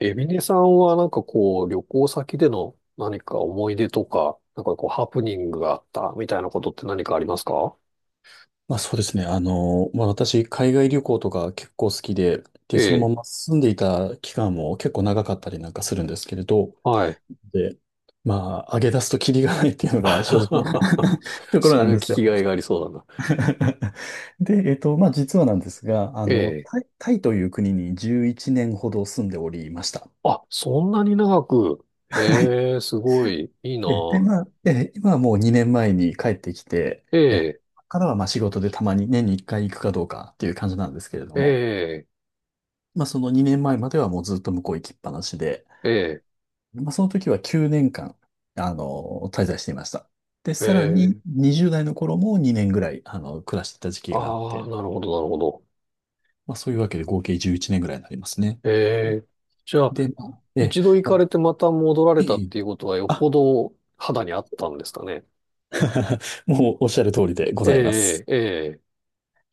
エミネさんはなんかこう、旅行先での何か思い出とか、なんかこう、ハプニングがあったみたいなことって何かありますか？まあそうですね。まあ私、海外旅行とか結構好きで、で、えそのえ、まま住んでいた期間も結構長かったりなんかするんですけれど、はい。で、まあ、上げ出すとキリがないっていうのが正直な ところそなんれは聞ですよ。きがいがありそうだな。で、まあ実はなんですが、えタえ。イ、タイという国に11年ほど住んでおりました。あ、そんなに長く。はい。へえ、すごい、いい な。で、まあ、今はもう2年前に帰ってきて、ええ、ここからはまあ仕事でたまに年に1回行くかどうかっていう感じなんですけれどえも、え、まあ、その2年前まではもうずっと向こう行きっぱなしで、えまあ、その時は9年間、滞在していました。で、え、さらにええ。20代の頃も2年ぐらい、暮らしていた時期があっああ、て、なるほど、なるほど。まあ、そういうわけで合計11年ぐらいになりますね。ええ。じゃあ、で、まあ、ええ、一度行まかあ、れてまた戻らいれたっいていうことはよっぽあ、ど肌にあったんですかね？もうおっしゃる通りでございまえす。え、ええ、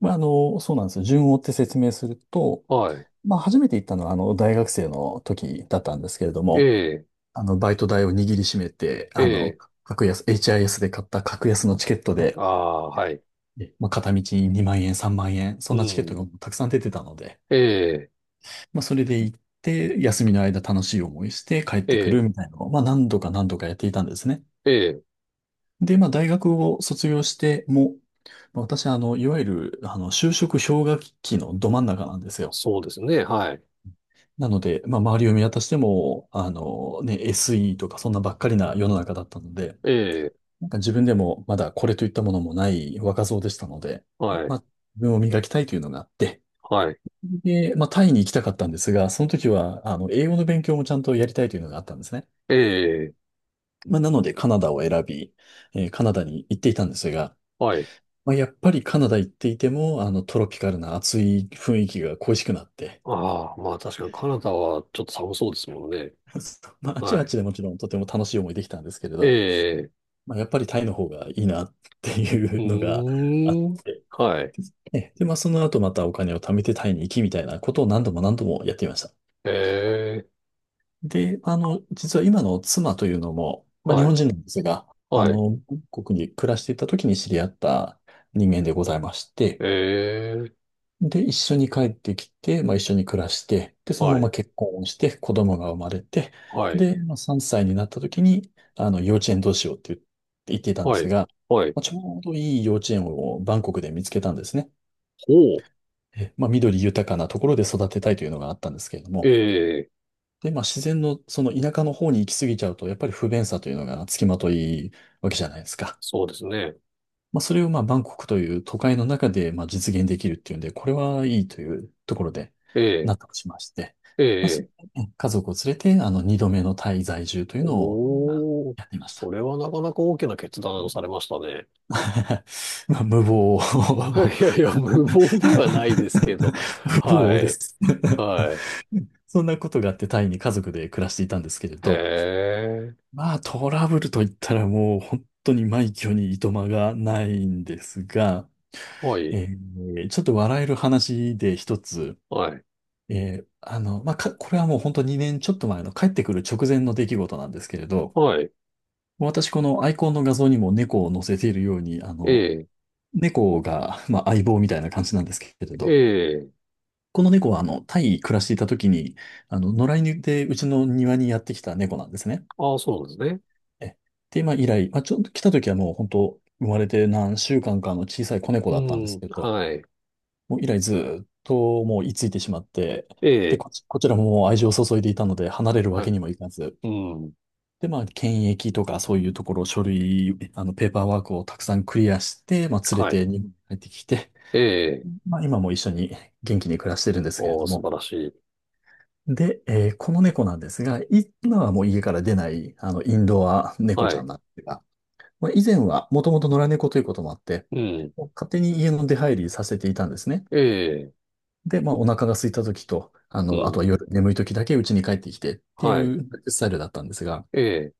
まあ、そうなんですよ。順を追って説明すると、はい。まあ、初めて行ったのは、大学生の時だったんですけれどえも、え、バイト代を握りしめて、ええ、HIS で買った格安のチケットあで、あ、はい。まあ、片道2万円、3万円、そうんなチケットん。がたくさん出てたので、ええ、まあ、それで行って、休みの間楽しい思いして帰っえてくえ、るみたいなのを、まあ、何度か何度かやっていたんですね。ええ、で、まあ、大学を卒業しても、まあ私、いわゆる、就職氷河期のど真ん中なんですよ。そうですね。はい。なので、まあ、周りを見渡しても、ね、SE とかそんなばっかりな世の中だったので、ええ、なんか自分でもまだこれといったものもない若造でしたので、はまい、あ、自分を磨きたいというのがあって、はい。で、まあ、タイに行きたかったんですが、その時は、英語の勉強もちゃんとやりたいというのがあったんですね。ええ、まあ、なので、カナダを選び、カナダに行っていたんですが、はい。まあ、やっぱりカナダ行っていても、トロピカルな暑い雰囲気が恋しくなって、ああ、まあ確かにカナダはちょっと寒そうですもんね。まあ、あちははあい。ちでもちろんとても楽しい思いできたんですけれえど、え、まあ、やっぱりタイの方がいいなっていううのがあっーん。てはい。え、で、まあ、その後またお金を貯めてタイに行きみたいなことを何度も何度もやっていました。ええ、で、実は今の妻というのも、まあ、日は本い、人なんですが、はい。韓国に暮らしていた時に知り合った人間でございまして、ええ、で、一緒に帰ってきて、まあ、一緒に暮らして、で、そのはまい、ま結婚をして、子供が生まれて、はい、で、まあ、3歳になった時に、幼稚園どうしようって言っていたんではすい、が、はい。まあちょうどいい幼稚園をバンコクで見つけたんですね。ほう。まあ、緑豊かなところで育てたいというのがあったんですけれどえも、え、で、まあ、自然のその田舎の方に行き過ぎちゃうと、やっぱり不便さというのが付きまといわけじゃないですか。そうですね。まあ、それをまあ、バンコクという都会の中でまあ実現できるっていうんで、これはいいというところでええ、納得しまして、えまあ、え。家族を連れて、二度目のタイ在住というのをおー、やっていましそた。れはなかなか大きな決断をされましたね。まあ、無謀。いやいや、無謀ではないですけど。無は謀でい。す。はい。そんなことがあってタイに家族で暮らしていたんですけれへど、え。まあトラブルといったらもう本当に枚挙にいとまがないんですが、はい。ちょっと笑える話で一つ、はい。えーあの、まあか、これはもう本当2年ちょっと前の帰ってくる直前の出来事なんですけれど、はい。もう私このアイコンの画像にも猫を載せているように、ええ。猫が、まあ、相棒みたいな感じなんですけれえど、え。この猫はタイに暮らしていた時に、野良犬でうちの庭にやってきた猫なんですね。ああ、そうなんですね。えで、まあ、以来、まあ、ちょっと来た時はもう本当、生まれて何週間かの小さい子猫うだったんですん。けど、はい。もう以来ずーっともう居ついてしまって、えで、え。こちらももう愛情を注いでいたので離れるわはけい。にもいかず、うん。で、まあ、検疫とかそういうところ、書類、ペーパーワークをたくさんクリアして、まあ、連れはい。て日本に帰ってきて、ええ。まあ、今も一緒に元気に暮らしてるんですけれおー、ど素も、晴らしい。で、この猫なんですが、今はもう家から出ない、インドア猫はちゃんい。なんですが、まあ、以前はもともと野良猫ということもあって、うん。勝手に家の出入りさせていたんですね。ええ。で、まあ、お腹が空いた時と、うあとん。は夜眠い時だけ家に帰ってきてってはい。いうスタイルだったんですが、ええ。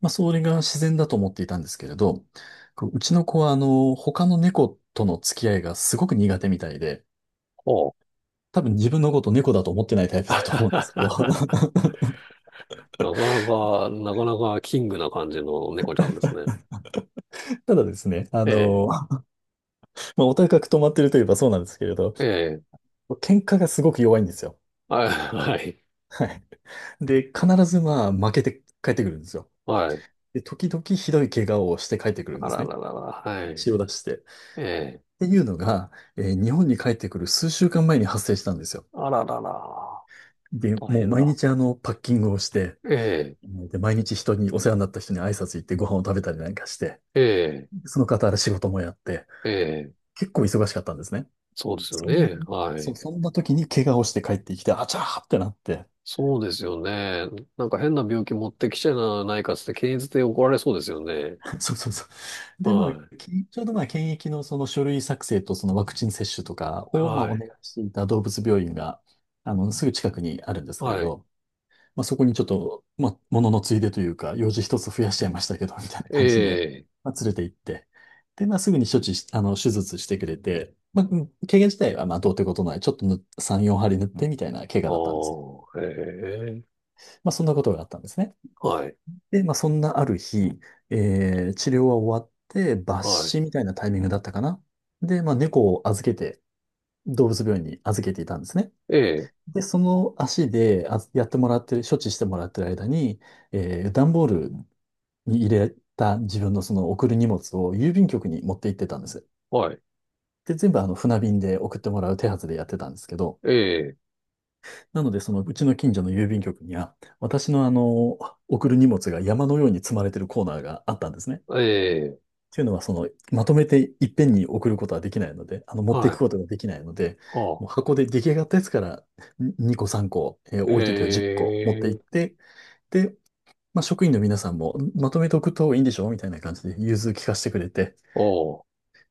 まあ、それが自然だと思っていたんですけれど、こううちの子は、他の猫との付き合いがすごく苦手みたいで、おー。多分自分のこと猫だと思ってないタイプだと思うんですけど、なかなか、なかなかキングな感じの猫ちゃんですね。ただですね、ええ。まあ、お高く止まってるといえばそうなんですけれど、ええ、喧嘩がすごく弱いんですよ。はい、はい、はい。で、必ずまあ負けて帰ってくるんですよ。はい。で、時々ひどい怪我をして帰ってくるんあですらね。ららら、はい。血を出して。っええ、ていうのが、日本に帰ってくる数週間前に発生したんですよ。あららら、で、大もう変毎だ。日パッキングをして、ええ、で、毎日人に、お世話になった人に挨拶行ってご飯を食べたりなんかして、ええ、その傍ら仕事もやって、ええ、結構忙しかったんですね。そうですよそん、ね。はそ、い。そんな時に怪我をして帰ってきて、あちゃーってなって、そうですよね。なんか変な病気持ってきちゃないかっつって検閲で怒られそうですよね。そうそうそう。で、まはあ、ちょうどまあ、検疫のその書類作成とそのワクチン接種とかい、をまあ、はおい、願いしていた動物病院が、すぐ近くにあるんですけれはい。ど、まあ、そこにちょっと、まあ、もののついでというか、用事一つ増やしちゃいましたけど、みたいなえ感じで、え、まあ、連れて行って、で、まあ、すぐに処置し、手術してくれて、まあ、怪我自体はまあ、どうってことない、ちょっと3、4針塗ってみたいな怪あ我だったんです。あ、ええ、まあ、そんなことがあったんですね。はい、で、まあ、そんなある日、治療は終わって、抜はい。歯みたいなタイミングだったかな。で、まあ、猫を預けて、動物病院に預けていたんですね。ええ、で、その足であやってもらってる、処置してもらってる間に、段ボールに入れた自分のその送る荷物を郵便局に持って行ってたんです。はい、全部船便で送ってもらう手はずでやってたんですけど、ええ、なので、そのうちの近所の郵便局には、私の送る荷物が山のように積まれてるコーナーがあったんですね。ええ、っていうのは、まとめていっぺんに送ることはできないので、持っていはくい、ことができないので、ああ、もう箱で出来上がったやつから2個3個、え多い時は10個持っていっえ、て、で、まあ、職員の皆さんも、まとめておくといいんでしょうみたいな感じで融通聞かせてくれて、ああ。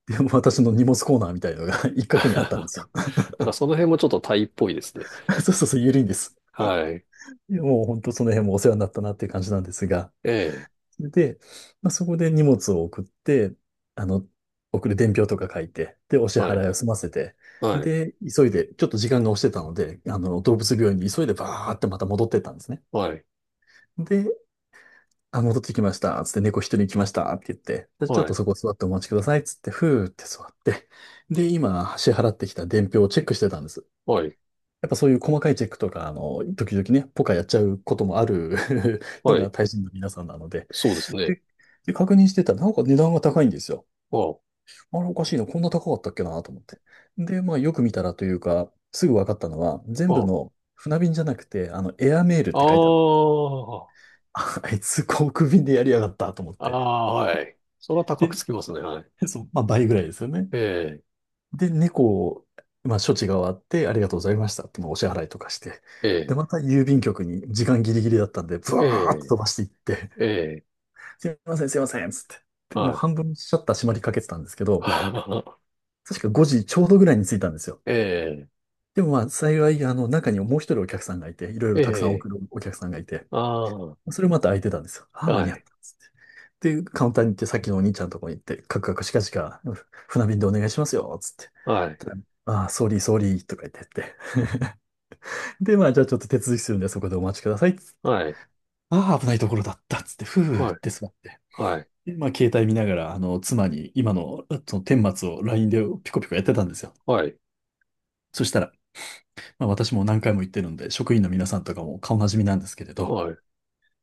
で、もう私の荷物コーナーみたいのが 一角にあったんですよ。なんかその辺もちょっとタイっぽいですね。そうそうそう、緩いんです。はい。いやもう本当その辺もお世話になったなっていう感じなんですが、ええ。で、まあ、そこで荷物を送って、あの、送る伝票とか書いて、で、お支は払い。いを済ませて、はい。で、急いで、ちょっと時間が押してたので、動物病院に急いでバーってまた戻ってったんですね。はい。で、あ、戻ってきました、つって猫一人来ました、って言って、で、ちょっはい。とそこ座ってお待ちください、つって、ふーって座って、で、今、支払ってきた伝票をチェックしてたんです。はい。やっぱそういう細かいチェックとか、時々ね、ポカやっちゃうこともある のはがい。大臣の皆さんなので、そうですね。で、で確認してたら、なんか値段が高いんですよ。ああ。あれおかしいな、こんな高かったっけなと思って。で、まあよく見たらというか、すぐ分かったのは、全部あの船便じゃなくて、エアメールっあ。て書いてあった。ああ。あ、あいつ航空便でやりやがったと思っあて。あはい。それは高くで、つきますね。はい。そう、まあ倍ぐらいですよね。ええ。で、猫を、まあ処置が終わって、ありがとうございましたって、まあお支払いとかして。えで、え。また郵便局に時間ギリギリだったんで、ブえワーッと飛ばしていって、え。ええ。すいません、すいません、つって。で、もうはい。半分シャッター閉まりかけてたんですけど、確か5時ちょうどぐらいに着いたんですよ。えでもまあ幸い、あの中にもう一人お客さんがいて、いろいえ。ろえたくさんえ。送るお客さんがいて、ああ。それまた空いてたんですよ。ああ、間はに合っい。たっつって。で、カウンターに行って、さっきのお兄ちゃんのとこに行って、カクカクしかしか、船便でお願いしますよ、つって。はい。ああー、ソーリー、ソーリーとか言ってって。で、まあ、じゃあちょっと手続きするんで、そこでお待ちください、つって。はい。ああ、危ないところだった、つって、ふーはっい。て座って。はい。で、まあ、携帯見ながら、妻に今の、顛末を LINE でピコピコやってたんですよ。はい。そしたら、まあ、私も何回も言ってるんで、職員の皆さんとかも顔なじみなんですけれど、はい。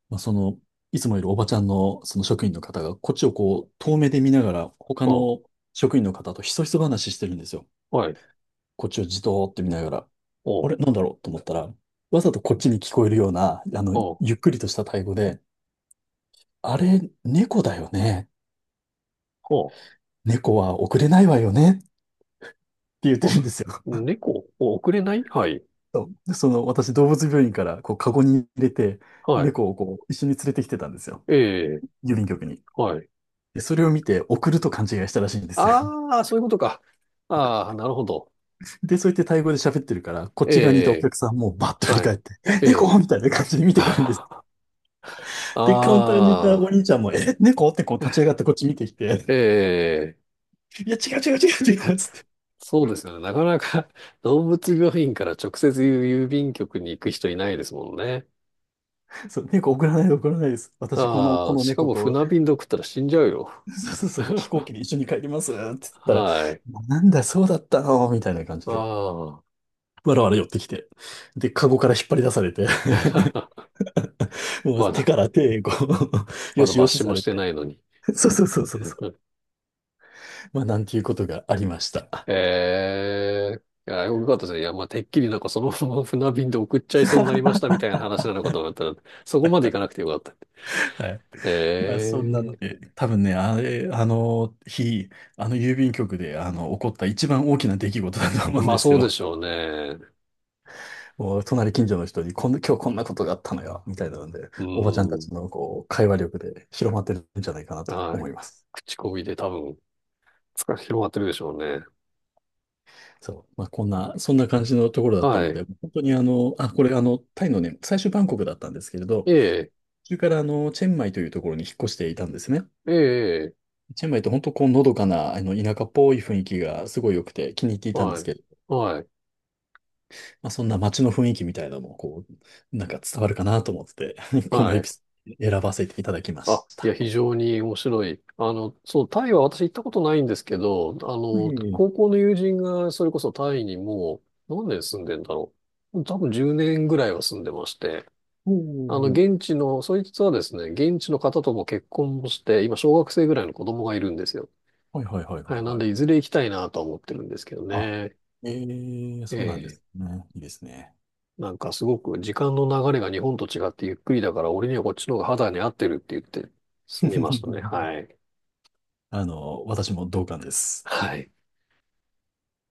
まあ、その、いつもいるおばちゃんのその職員の方が、こっちをこう、遠目で見ながら、他あの職員の方とひそひそ話してるんですよ。はい。こっちをじとーって見ながら、あお。れ、なんだろうと思ったら、わざとこっちに聞こえるような、お。ゆっくりとしたタイ語で、あれ、猫だよね。お。猫は遅れないわよね。って言ってお。るんですよ。猫、お遅れないはい。そうでその、私、動物病院から、こう、カゴに入れて、はい。猫をこう、一緒に連れてきてたんですよ。ええ、郵便局に。はい。で、それを見て送ると勘違いしたらしいんですよ。ああ、そういうことか。ああ、なるほど。で、そうやってタイ語で喋ってるから、こっえち側にいたおえ、客さんもバッと振りはい。返って、え、ええ。猫みたいな感じで見てくるんです。で、カウンターにいたおああ、兄ちゃんも、え、猫ってこう立ち上がってこっち見てきえて、え、いや、違うっつっそうですよね。なかなか 動物病院から直接郵便局に行く人いないですもんね。て、そう、猫送らないで送らないです。私、あこあ、のしか猫もと、船便で送ったら死んじゃうよ。そうそうそう、飛行機で一緒に帰りますって言ったら、はい。なんだ、そうだったのみたいな感じあで。あ、わらわら寄ってきて。で、カゴから引っ張り出されて、もうま手だ、から手、こう、まよだし抜よし死さもしれてて。ないのに。そうそうそうそう。まあ、なんていうことがありました。ええいや、よかったですね。いや、まあ、てっきりなんかそのまま 船便で送っちゃいそうになりましたみ たいな話なのかと思ったら、そこまで行かなくてよかった。はい。えまあ、そんなので、え多分ね、あれ、あの日、あの郵便局で、起こった一番大きな出来事だと思うんまあですそうでよ。しょうね。もう、隣近所の人に、こんな、今日こんなことがあったのよ、みたいなので、うおばちゃんたちん。の、こう、会話力で広まってるんじゃないかなとは思い。います。口コミで多分、つか、広がってるでしょうね。そう。まあ、こんな、そんな感じのところだったはのい。で、本当にあ、これ、タイのね、最初バンコクだったんですけれど、ええ途中からチェンマイというところに引っ越していたんですね。ええええチェンマイって本当こうのどかなあの田舎っぽい雰囲気がすごい良くて気に入っていたんではすい。けど、はい。まあ、そんな街の雰囲気みたいなのもこう、なんか伝わるかなと思って、このはエピい。ソード選ばせていただきまあ、しいや、た。非常に面白い。そう、タイは私行ったことないんですけど、あはの、い。高校の友人がそれこそタイにもう何年住んでんだろう。多分10年ぐらいは住んでまして、おあの、ー現地の、そいつはですね、現地の方とも結婚もして、今小学生ぐらいの子供がいるんですよ。はいはいはいははいい、なんはでいい。ずれ行きたいなとは思ってるんですけどあ、ね。えそうなんでえ、すね。いいですね。なんかすごく時間の流れが日本と違ってゆっくりだから、俺にはこっちの方が肌に合ってるって言って住みましたね。はい。あの、私も同感です。はい。